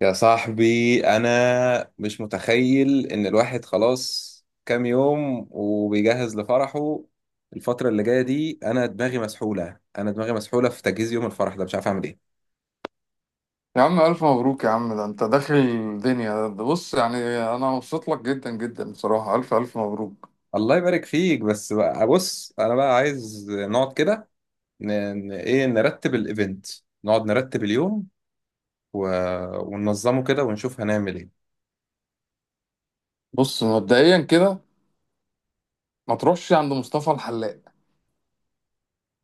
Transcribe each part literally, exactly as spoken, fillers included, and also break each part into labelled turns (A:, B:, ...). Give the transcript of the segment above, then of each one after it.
A: يا صاحبي، أنا مش متخيل إن الواحد خلاص كام يوم وبيجهز لفرحه. الفترة اللي جاية دي أنا دماغي مسحولة، أنا دماغي مسحولة في تجهيز يوم الفرح ده، مش عارف أعمل إيه.
B: يا عم ألف مبروك يا عم، ده أنت داخل الدنيا، ده بص يعني. أنا مبسوط لك جدا جدا بصراحة، ألف ألف مبروك.
A: الله يبارك فيك. بس بقى بص، أنا بقى عايز نقعد كده. ن... ن- إيه نرتب الإيفنت، نقعد نرتب اليوم و... وننظمه كده ونشوف هنعمل إيه.
B: بص مبدئيا كده ما تروحش عند مصطفى الحلاق.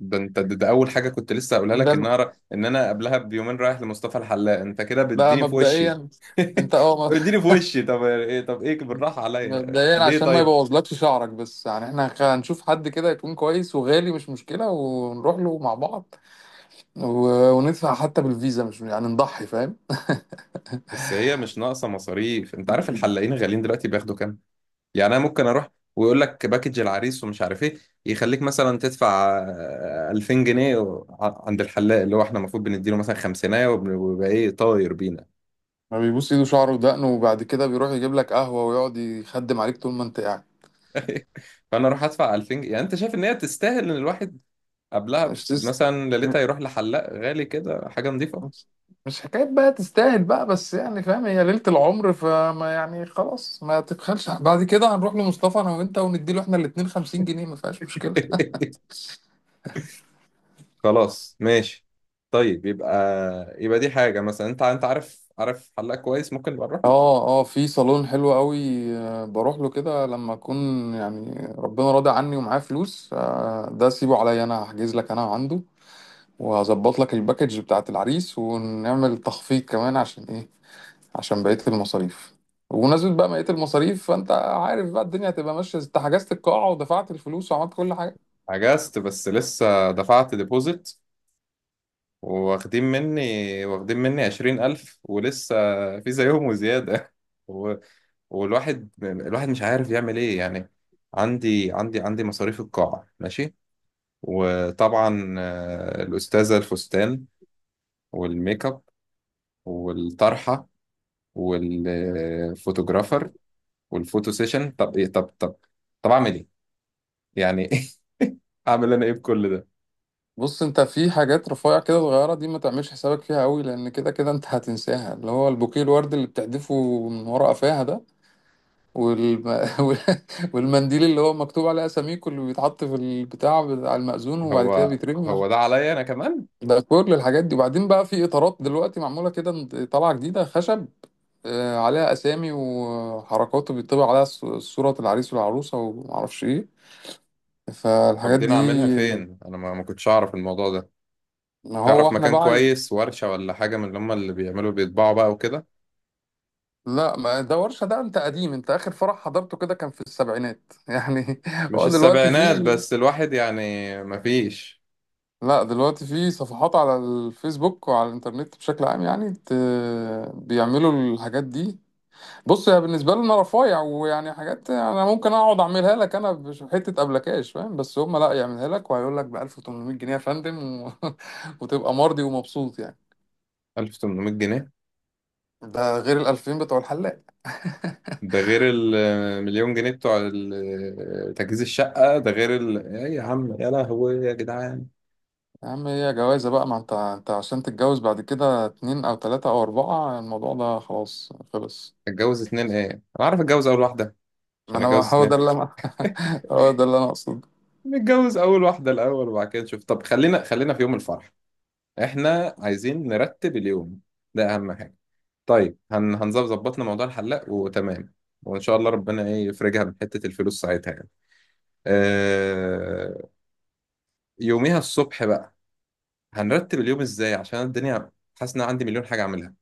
A: ده انت ده, ده اول حاجه كنت لسه هقولها لك،
B: ده
A: ان انا ر- ان انا قبلها بيومين رايح لمصطفى الحلاق. انت كده
B: ده
A: بتديني في وشي.
B: مبدئيا. أنت أه م-
A: بتديني في وشي، طب ايه، طب ايه بالراحه عليا
B: مبدئيا
A: ليه؟
B: عشان ما
A: طيب
B: يبوظلكش شعرك، بس يعني إحنا خ- هنشوف حد كده يكون كويس، وغالي مش مشكلة، ونروح له مع بعض و- وندفع حتى بالفيزا، مش يعني نضحي، فاهم.
A: بس هي مش ناقصه مصاريف. انت عارف الحلاقين غاليين دلوقتي، بياخدوا كام؟ يعني انا ممكن اروح ويقول لك باكج العريس ومش عارف ايه، يخليك مثلا تدفع آه، ألفين جنيه و- ع- عند الحلاق اللي هو احنا المفروض بنديله مثلا خمسينية، وبن- ويبقى ايه، طاير بينا.
B: ما بيبوس إيده شعره ودقنه وبعد كده بيروح يجيب لك قهوة ويقعد يخدم عليك طول ما أنت قاعد.
A: فانا اروح ادفع ألفين جنيه؟ يعني انت شايف ان هي تستاهل ان الواحد قبلها
B: مش تست
A: مثلا ليلتها يروح لحلاق غالي كده، حاجة نظيفة.
B: مش مش حكاية بقى تستاهل بقى، بس يعني فاهم، هي ليلة العمر، فما يعني خلاص ما تبخلش. بعد كده هنروح لمصطفى انا وانت ونديله احنا الاتنين خمسين جنيه، ما فيهاش مشكلة.
A: خلاص، ماشي. طيب، يبقى يبقى دي حاجة. مثلا انت، انت عارف، عارف حلاق كويس ممكن نبقى نروح له.
B: اه اه، في صالون حلو قوي. آه، بروح له كده لما اكون يعني ربنا راضي عني ومعايا فلوس. آه، ده سيبه عليا، انا هحجز لك انا عنده، وهظبط لك الباكج بتاعت العريس ونعمل تخفيض كمان. عشان ايه؟ عشان بقية المصاريف. وبمناسبة بقى بقية المصاريف، فأنت عارف بقى الدنيا هتبقى ماشية، أنت حجزت القاعة ودفعت الفلوس وعملت كل حاجة.
A: عجزت، بس لسه دفعت ديبوزيت. واخدين مني واخدين مني عشرين ألف ولسه في زيهم وزيادة. و... والواحد الواحد مش عارف يعمل ايه يعني. عندي عندي عندي مصاريف القاعة، ماشي. وطبعا آه، الأستاذة الفستان، والميك اب، والطرحة، والفوتوجرافر، والفوتو سيشن. طب ايه، طب طب طب اعمل ايه يعني؟ اعمل انا ايه بكل ده؟
B: بص، أنت في حاجات رفيع كده صغيرة دي ما تعملش حسابك فيها قوي، لأن كده كده أنت هتنساها، اللي هو البوكيه الورد اللي بتحدفه من ورا قفاها ده، والم... وال- والمنديل اللي هو مكتوب عليه أساميكو اللي بيتحط في البتاع بتاع المأذون وبعد كده
A: هو
B: بيترمي.
A: هو ده عليا انا كمان؟
B: ده كل الحاجات دي. وبعدين بقى، في إطارات دلوقتي معمولة كده طالعة جديدة خشب، آه، عليها اسامي وحركاته، بيطبع عليها ص- صورة العريس والعروسة ومعرفش ايه.
A: طب
B: فالحاجات
A: دي انا
B: دي
A: اعملها فين؟ انا ما ما كنتش اعرف الموضوع ده.
B: ما هو
A: تعرف
B: احنا
A: مكان
B: بقى.
A: كويس، ورشة ولا حاجة من اللي هم اللي بيعملوا بيطبعوا بقى وكده؟
B: لا، ما ده ورشة، ده انت قديم، انت اخر فرح حضرته كده كان في السبعينات يعني.
A: مش
B: هو دلوقتي
A: السبعينات،
B: في.
A: بس الواحد يعني. ما فيش.
B: لا، دلوقتي في صفحات على الفيسبوك وعلى الانترنت بشكل عام يعني ت... بيعملوا الحاجات دي. بص، هي بالنسبه لنا رفايع ويعني حاجات انا ممكن اقعد اعملها لك انا بحته ابلكاش، فاهم؟ بس هم لا، يعملها لك وهيقول لك ب ألف وتمنمية جنيه يا فندم، و... وتبقى مرضي ومبسوط يعني.
A: ألف وتمنمية جنيه؟
B: ده غير ال ألفين بتوع الحلاق.
A: ده غير المليون جنيه بتوع ال- تجهيز الشقة، ده غير ال... إيه يا عم، يا لهوي يا جدعان.
B: يا عم هي جوازه بقى، ما انت انت عشان تتجوز بعد كده اتنين او تلاته او اربعه الموضوع ده خلاص خلص.
A: اتجوز اتنين ايه؟ انا عارف اتجوز اول واحدة
B: ما
A: عشان
B: انا
A: اتجوز
B: هو
A: اتنين؟
B: ده اللي انا هو ده اللي انا اقصده.
A: نتجوز اول واحده الاول وبعد كده نشوف. طب خلينا، خلينا في يوم الفرح. احنا عايزين نرتب اليوم، ده اهم حاجه. طيب، هن هنظبط، ظبطنا موضوع الحلاق وتمام. وان شاء الله ربنا ايه يفرجها من حته الفلوس ساعتها يعني. آه... يوميها الصبح بقى هنرتب اليوم ازاي؟ عشان الدنيا، حاسس ان أنا عندي مليون حاجه اعملها.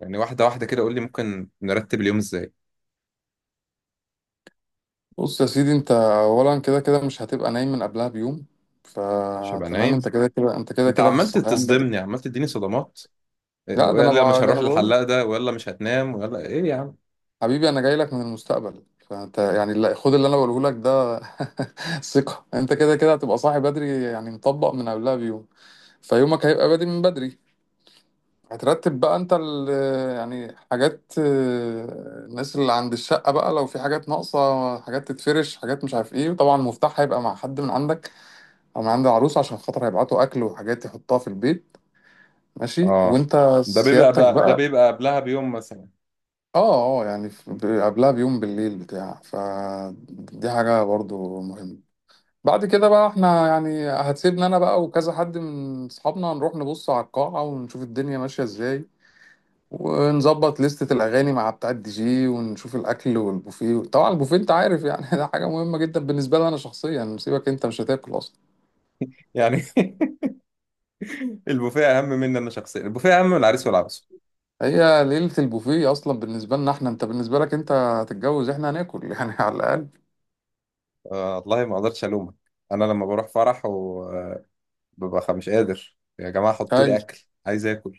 A: يعني واحده واحده كده قول لي ممكن نرتب اليوم ازاي.
B: بص يا سيدي، انت اولا كده كده مش هتبقى نايم من قبلها بيوم،
A: مش هبقى
B: فتمام،
A: نايم؟
B: انت كده كده، انت كده
A: انت
B: كده في
A: عمال
B: الصحيان.
A: تصدمني، عمال تديني صدمات. آه،
B: لا، ده انا
A: ويلا مش
B: بقى ده
A: هروح
B: انا بقول،
A: للحلاق، ده ويلا مش هتنام، ويلا ايه يا عم.
B: حبيبي انا جاي لك من المستقبل، فانت يعني لا، خد اللي انا بقوله لك ده. ثقة، انت كده كده هتبقى صاحي بدري، يعني مطبق من قبلها بيوم، فيومك هيبقى بادئ من بدري. هترتب بقى انت ال، يعني حاجات، آه، الناس اللي عند الشقة بقى لو في حاجات ناقصة، حاجات تتفرش، حاجات مش عارف ايه، وطبعا المفتاح هيبقى مع حد من عندك او من عند العروسة عشان خاطر هيبعتوا اكل وحاجات يحطها في البيت. ماشي.
A: اه،
B: وانت
A: ده بيبقى
B: سيادتك
A: بقى ده
B: بقى
A: بيبقى قبلها بيوم مثلا
B: اه اه، يعني في- ب- قبلها بيوم بالليل بتاع، فدي حاجة برضو مهمة. بعد كده بقى احنا يعني هتسيبنا انا بقى وكذا حد من اصحابنا نروح نبص على القاعة ونشوف الدنيا ماشية ازاي، ونظبط لستة الاغاني مع بتاع الدي جي، ونشوف الاكل والبوفيه. طبعا البوفيه انت عارف يعني ده حاجة مهمة جدا بالنسبة لي انا شخصيا، سيبك انت مش هتاكل اصلا.
A: يعني. البوفيه اهم مني انا شخصيا، البوفيه اهم من العريس والعروسه.
B: هي ليلة البوفيه اصلا بالنسبة لنا احنا، انت بالنسبة لك انت هتتجوز، احنا هناكل يعني على الاقل.
A: آه والله ما اقدرش الومك. انا لما بروح فرح وببقى مش قادر، يا جماعه حطوا لي
B: ايوه،
A: اكل، عايز اكل.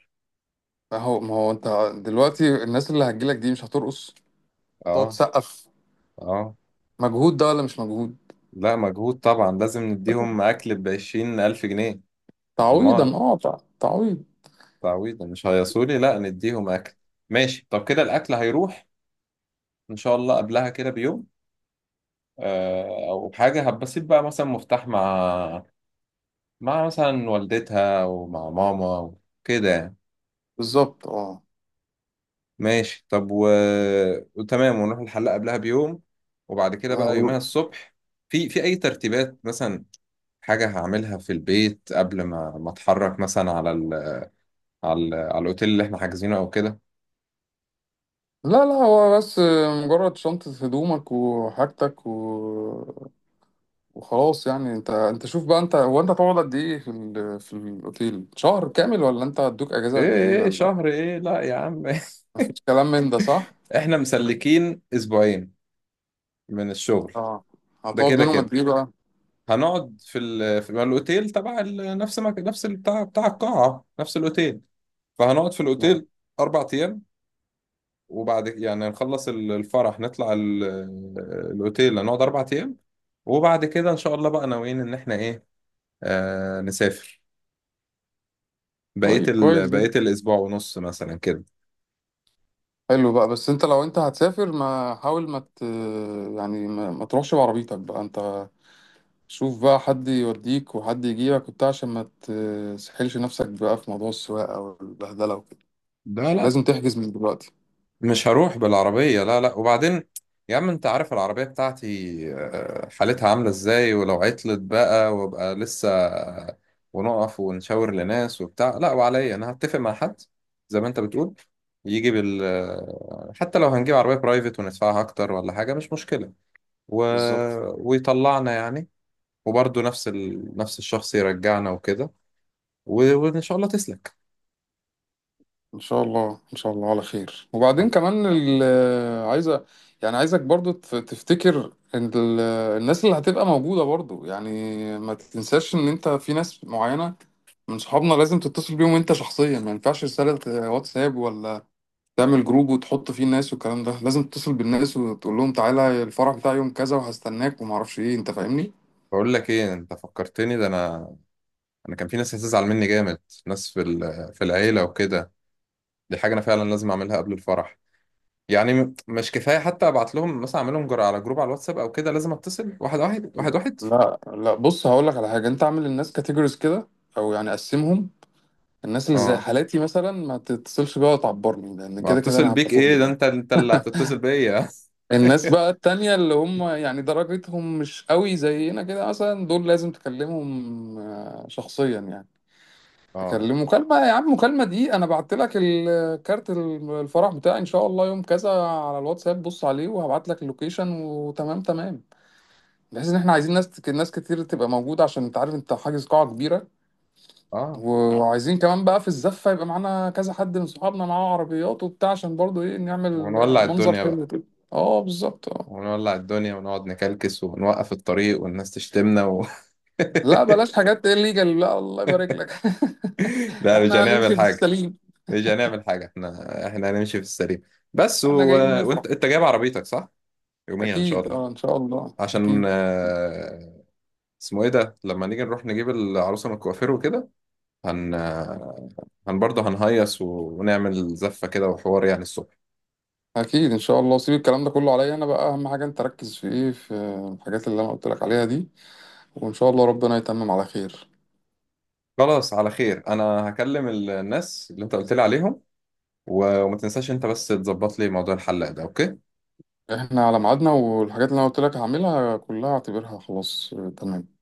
B: ما هو ما هو انت دلوقتي الناس اللي هتجيلك دي مش هترقص، تقعد
A: اه،
B: تسقف.
A: اه.
B: مجهود ده ولا مش مجهود؟
A: لا مجهود طبعا، لازم نديهم اكل ب عشرين الف جنيه. امال،
B: تعويضا اه تع- تعويض.
A: تعويض. مش هيصولي، لا نديهم اكل. ماشي. طب كده الاكل هيروح ان شاء الله قبلها كده بيوم. آه او حاجه هبسيط بقى، مثلا مفتاح مع، مع مثلا والدتها ومع ماما وكده يعني.
B: بالظبط اه.
A: ماشي طب. و... وتمام، ونروح الحلاق قبلها بيوم. وبعد كده بقى يومها
B: هو-
A: الصبح، في في اي ترتيبات مثلا حاجة هعملها في البيت قبل ما، ما اتحرك مثلا على ال... على ال... على الاوتيل اللي احنا حاجزينه او كده؟
B: لا لا هو بس مجرد شنطة هدومك وحاجتك و... وخلاص يعني. انت، انت شوف بقى، انت هو انت هتقعد قد ايه في ال... في الاوتيل؟ شهر كامل، ولا انت هتدوك اجازة
A: ايه،
B: قد ايه،
A: ايه
B: ولا
A: شهر ايه؟ لا يا عم.
B: مفيش كلام من ده صح؟
A: احنا مسلكين اسبوعين من الشغل.
B: اه.
A: ده
B: هتقعد
A: كده
B: منهم
A: كده
B: قد ايه بقى؟
A: هنقعد في ال... في ما الاوتيل تبع ال... نفس ما... نفس بتاع، بتاع القاعة، نفس الاوتيل. فهنقعد في الأوتيل أربع أيام. وبعد يعني نخلص ال- الفرح، نطلع ال- الأوتيل، هنقعد أربع أيام. وبعد كده إن شاء الله بقى ناويين إن إحنا إيه، آه نسافر بقية
B: طيب
A: ال...
B: كويس
A: بقية
B: جدا.
A: الأسبوع ونص مثلا كده.
B: حلو بقى. بس انت لو انت هتسافر، ما حاول ما ت... يعني ما... ما تروحش بعربيتك بقى انت. شوف بقى حد يوديك وحد يجيبك وبتاع، عشان ما تسحلش نفسك بقى في موضوع السواقة والبهدلة وكده.
A: ده لا،
B: لازم تحجز من دلوقتي.
A: مش هروح بالعربية، لا لا. وبعدين يا عم انت عارف العربية بتاعتي آه، حالتها عاملة ازاي. ولو عطلت بقى وابقى لسه ونقف ونشاور لناس وبتاع، لا. وعليا انا، هتفق مع حد زي ما انت بتقول يجي بال آه، حتى لو هنجيب عربية برايفت وندفعها اكتر ولا حاجة مش مشكلة، و...
B: بالظبط.
A: ويطلعنا يعني، وبرضه نفس ال... نفس الشخص يرجعنا وكده. و... وان شاء الله تسلك.
B: ان شاء الله ان شاء الله على خير.
A: آه،
B: وبعدين كمان ال... عايزة يعني عايزك برضو تف- تفتكر ان ال... الناس اللي هتبقى موجودة، برضو يعني ما تنساش ان انت في ناس معينة من صحابنا لازم تتصل بيهم انت شخصيا، ما ينفعش رسالة واتساب، ولا تعمل جروب وتحط فيه الناس والكلام ده، لازم تتصل بالناس وتقول لهم تعالى الفرح بتاعي يوم كذا وهستناك وما اعرفش ايه، انت فاهمني.
A: بقول لك ايه، انت فكرتني. ده انا انا كان في ناس هتزعل مني جامد، ناس في ال- في العيله وكده. دي حاجه انا فعلا لازم اعملها قبل الفرح. يعني م- مش كفايه حتى ابعت لهم مثلا، اعملهم جر على جروب على الواتساب او كده، لازم اتصل واحد واحد واحد واحد.
B: لا لا، بص هقول لك على حاجه، انت اعمل للناس كاتيجوريز كده، او يعني قسمهم. الناس اللي زي
A: اه،
B: حالاتي مثلا ما تتصلش بيها وتعبرني، لان
A: ما
B: كده كده
A: اتصل
B: انا هبقى
A: بيك
B: فوق
A: ايه؟ ده
B: دماغي.
A: انت، انت اللي هتتصل بيا.
B: الناس بقى التانية اللي هم يعني درجتهم مش قوي زينا كده مثلا، دول لازم تكلمهم آه، شخصيا يعني.
A: اه،
B: تكلم مكالمة، يا عم مكالمة، دي أنا بعت لك الكارت الفرح بتاعي إن شاء الله يوم كذا على الواتساب، بص عليه، وهبعت لك اللوكيشن وتمام تمام. بحيث إن إحنا عايزين ناس ناس كتير تبقى موجودة، عشان أنت عارف أنت حاجز قاعة كبيرة.
A: اه.
B: وعايزين كمان بقى في الزفة يبقى معانا كذا حد من صحابنا معاه عربيات وبتاع، عشان برضو إيه نعمل
A: ونولع
B: منظر
A: الدنيا
B: حلو
A: بقى.
B: كده. أه، بالظبط أه.
A: ونولع الدنيا ونقعد نكلكس ونوقف الطريق والناس تشتمنا و...
B: لا بلاش حاجات الليجال، لا، الله يبارك لك.
A: لا مش
B: إحنا
A: هنعمل
B: هنمشي في
A: حاجه،
B: السليم.
A: مش هنعمل حاجه، احنا، احنا هنمشي في السليم. بس و...
B: إحنا جايين نفرح.
A: وانت، انت جايب عربيتك صح يوميها ان شاء
B: أكيد
A: الله؟
B: أه إن شاء الله
A: عشان
B: أكيد.
A: آه، اسمه ايه ده، لما نيجي نروح نجيب العروسه من الكوافير وكده، هن آه، هن برضه هنهيص ونعمل زفه كده وحوار يعني الصبح.
B: اكيد ان شاء الله. سيب الكلام ده كله عليا انا بقى، اهم حاجه انت ركز في ايه، في الحاجات اللي انا قلت لك عليها دي، وان شاء الله ربنا يتمم على خير.
A: خلاص على خير، انا هكلم الناس اللي انت قلت لي عليهم. و- وما تنساش انت بس تظبط لي موضوع الحلاق ده، اوكي.
B: احنا على ميعادنا، والحاجات اللي انا قلت لك هعملها كلها اعتبرها خلاص. آه، تمام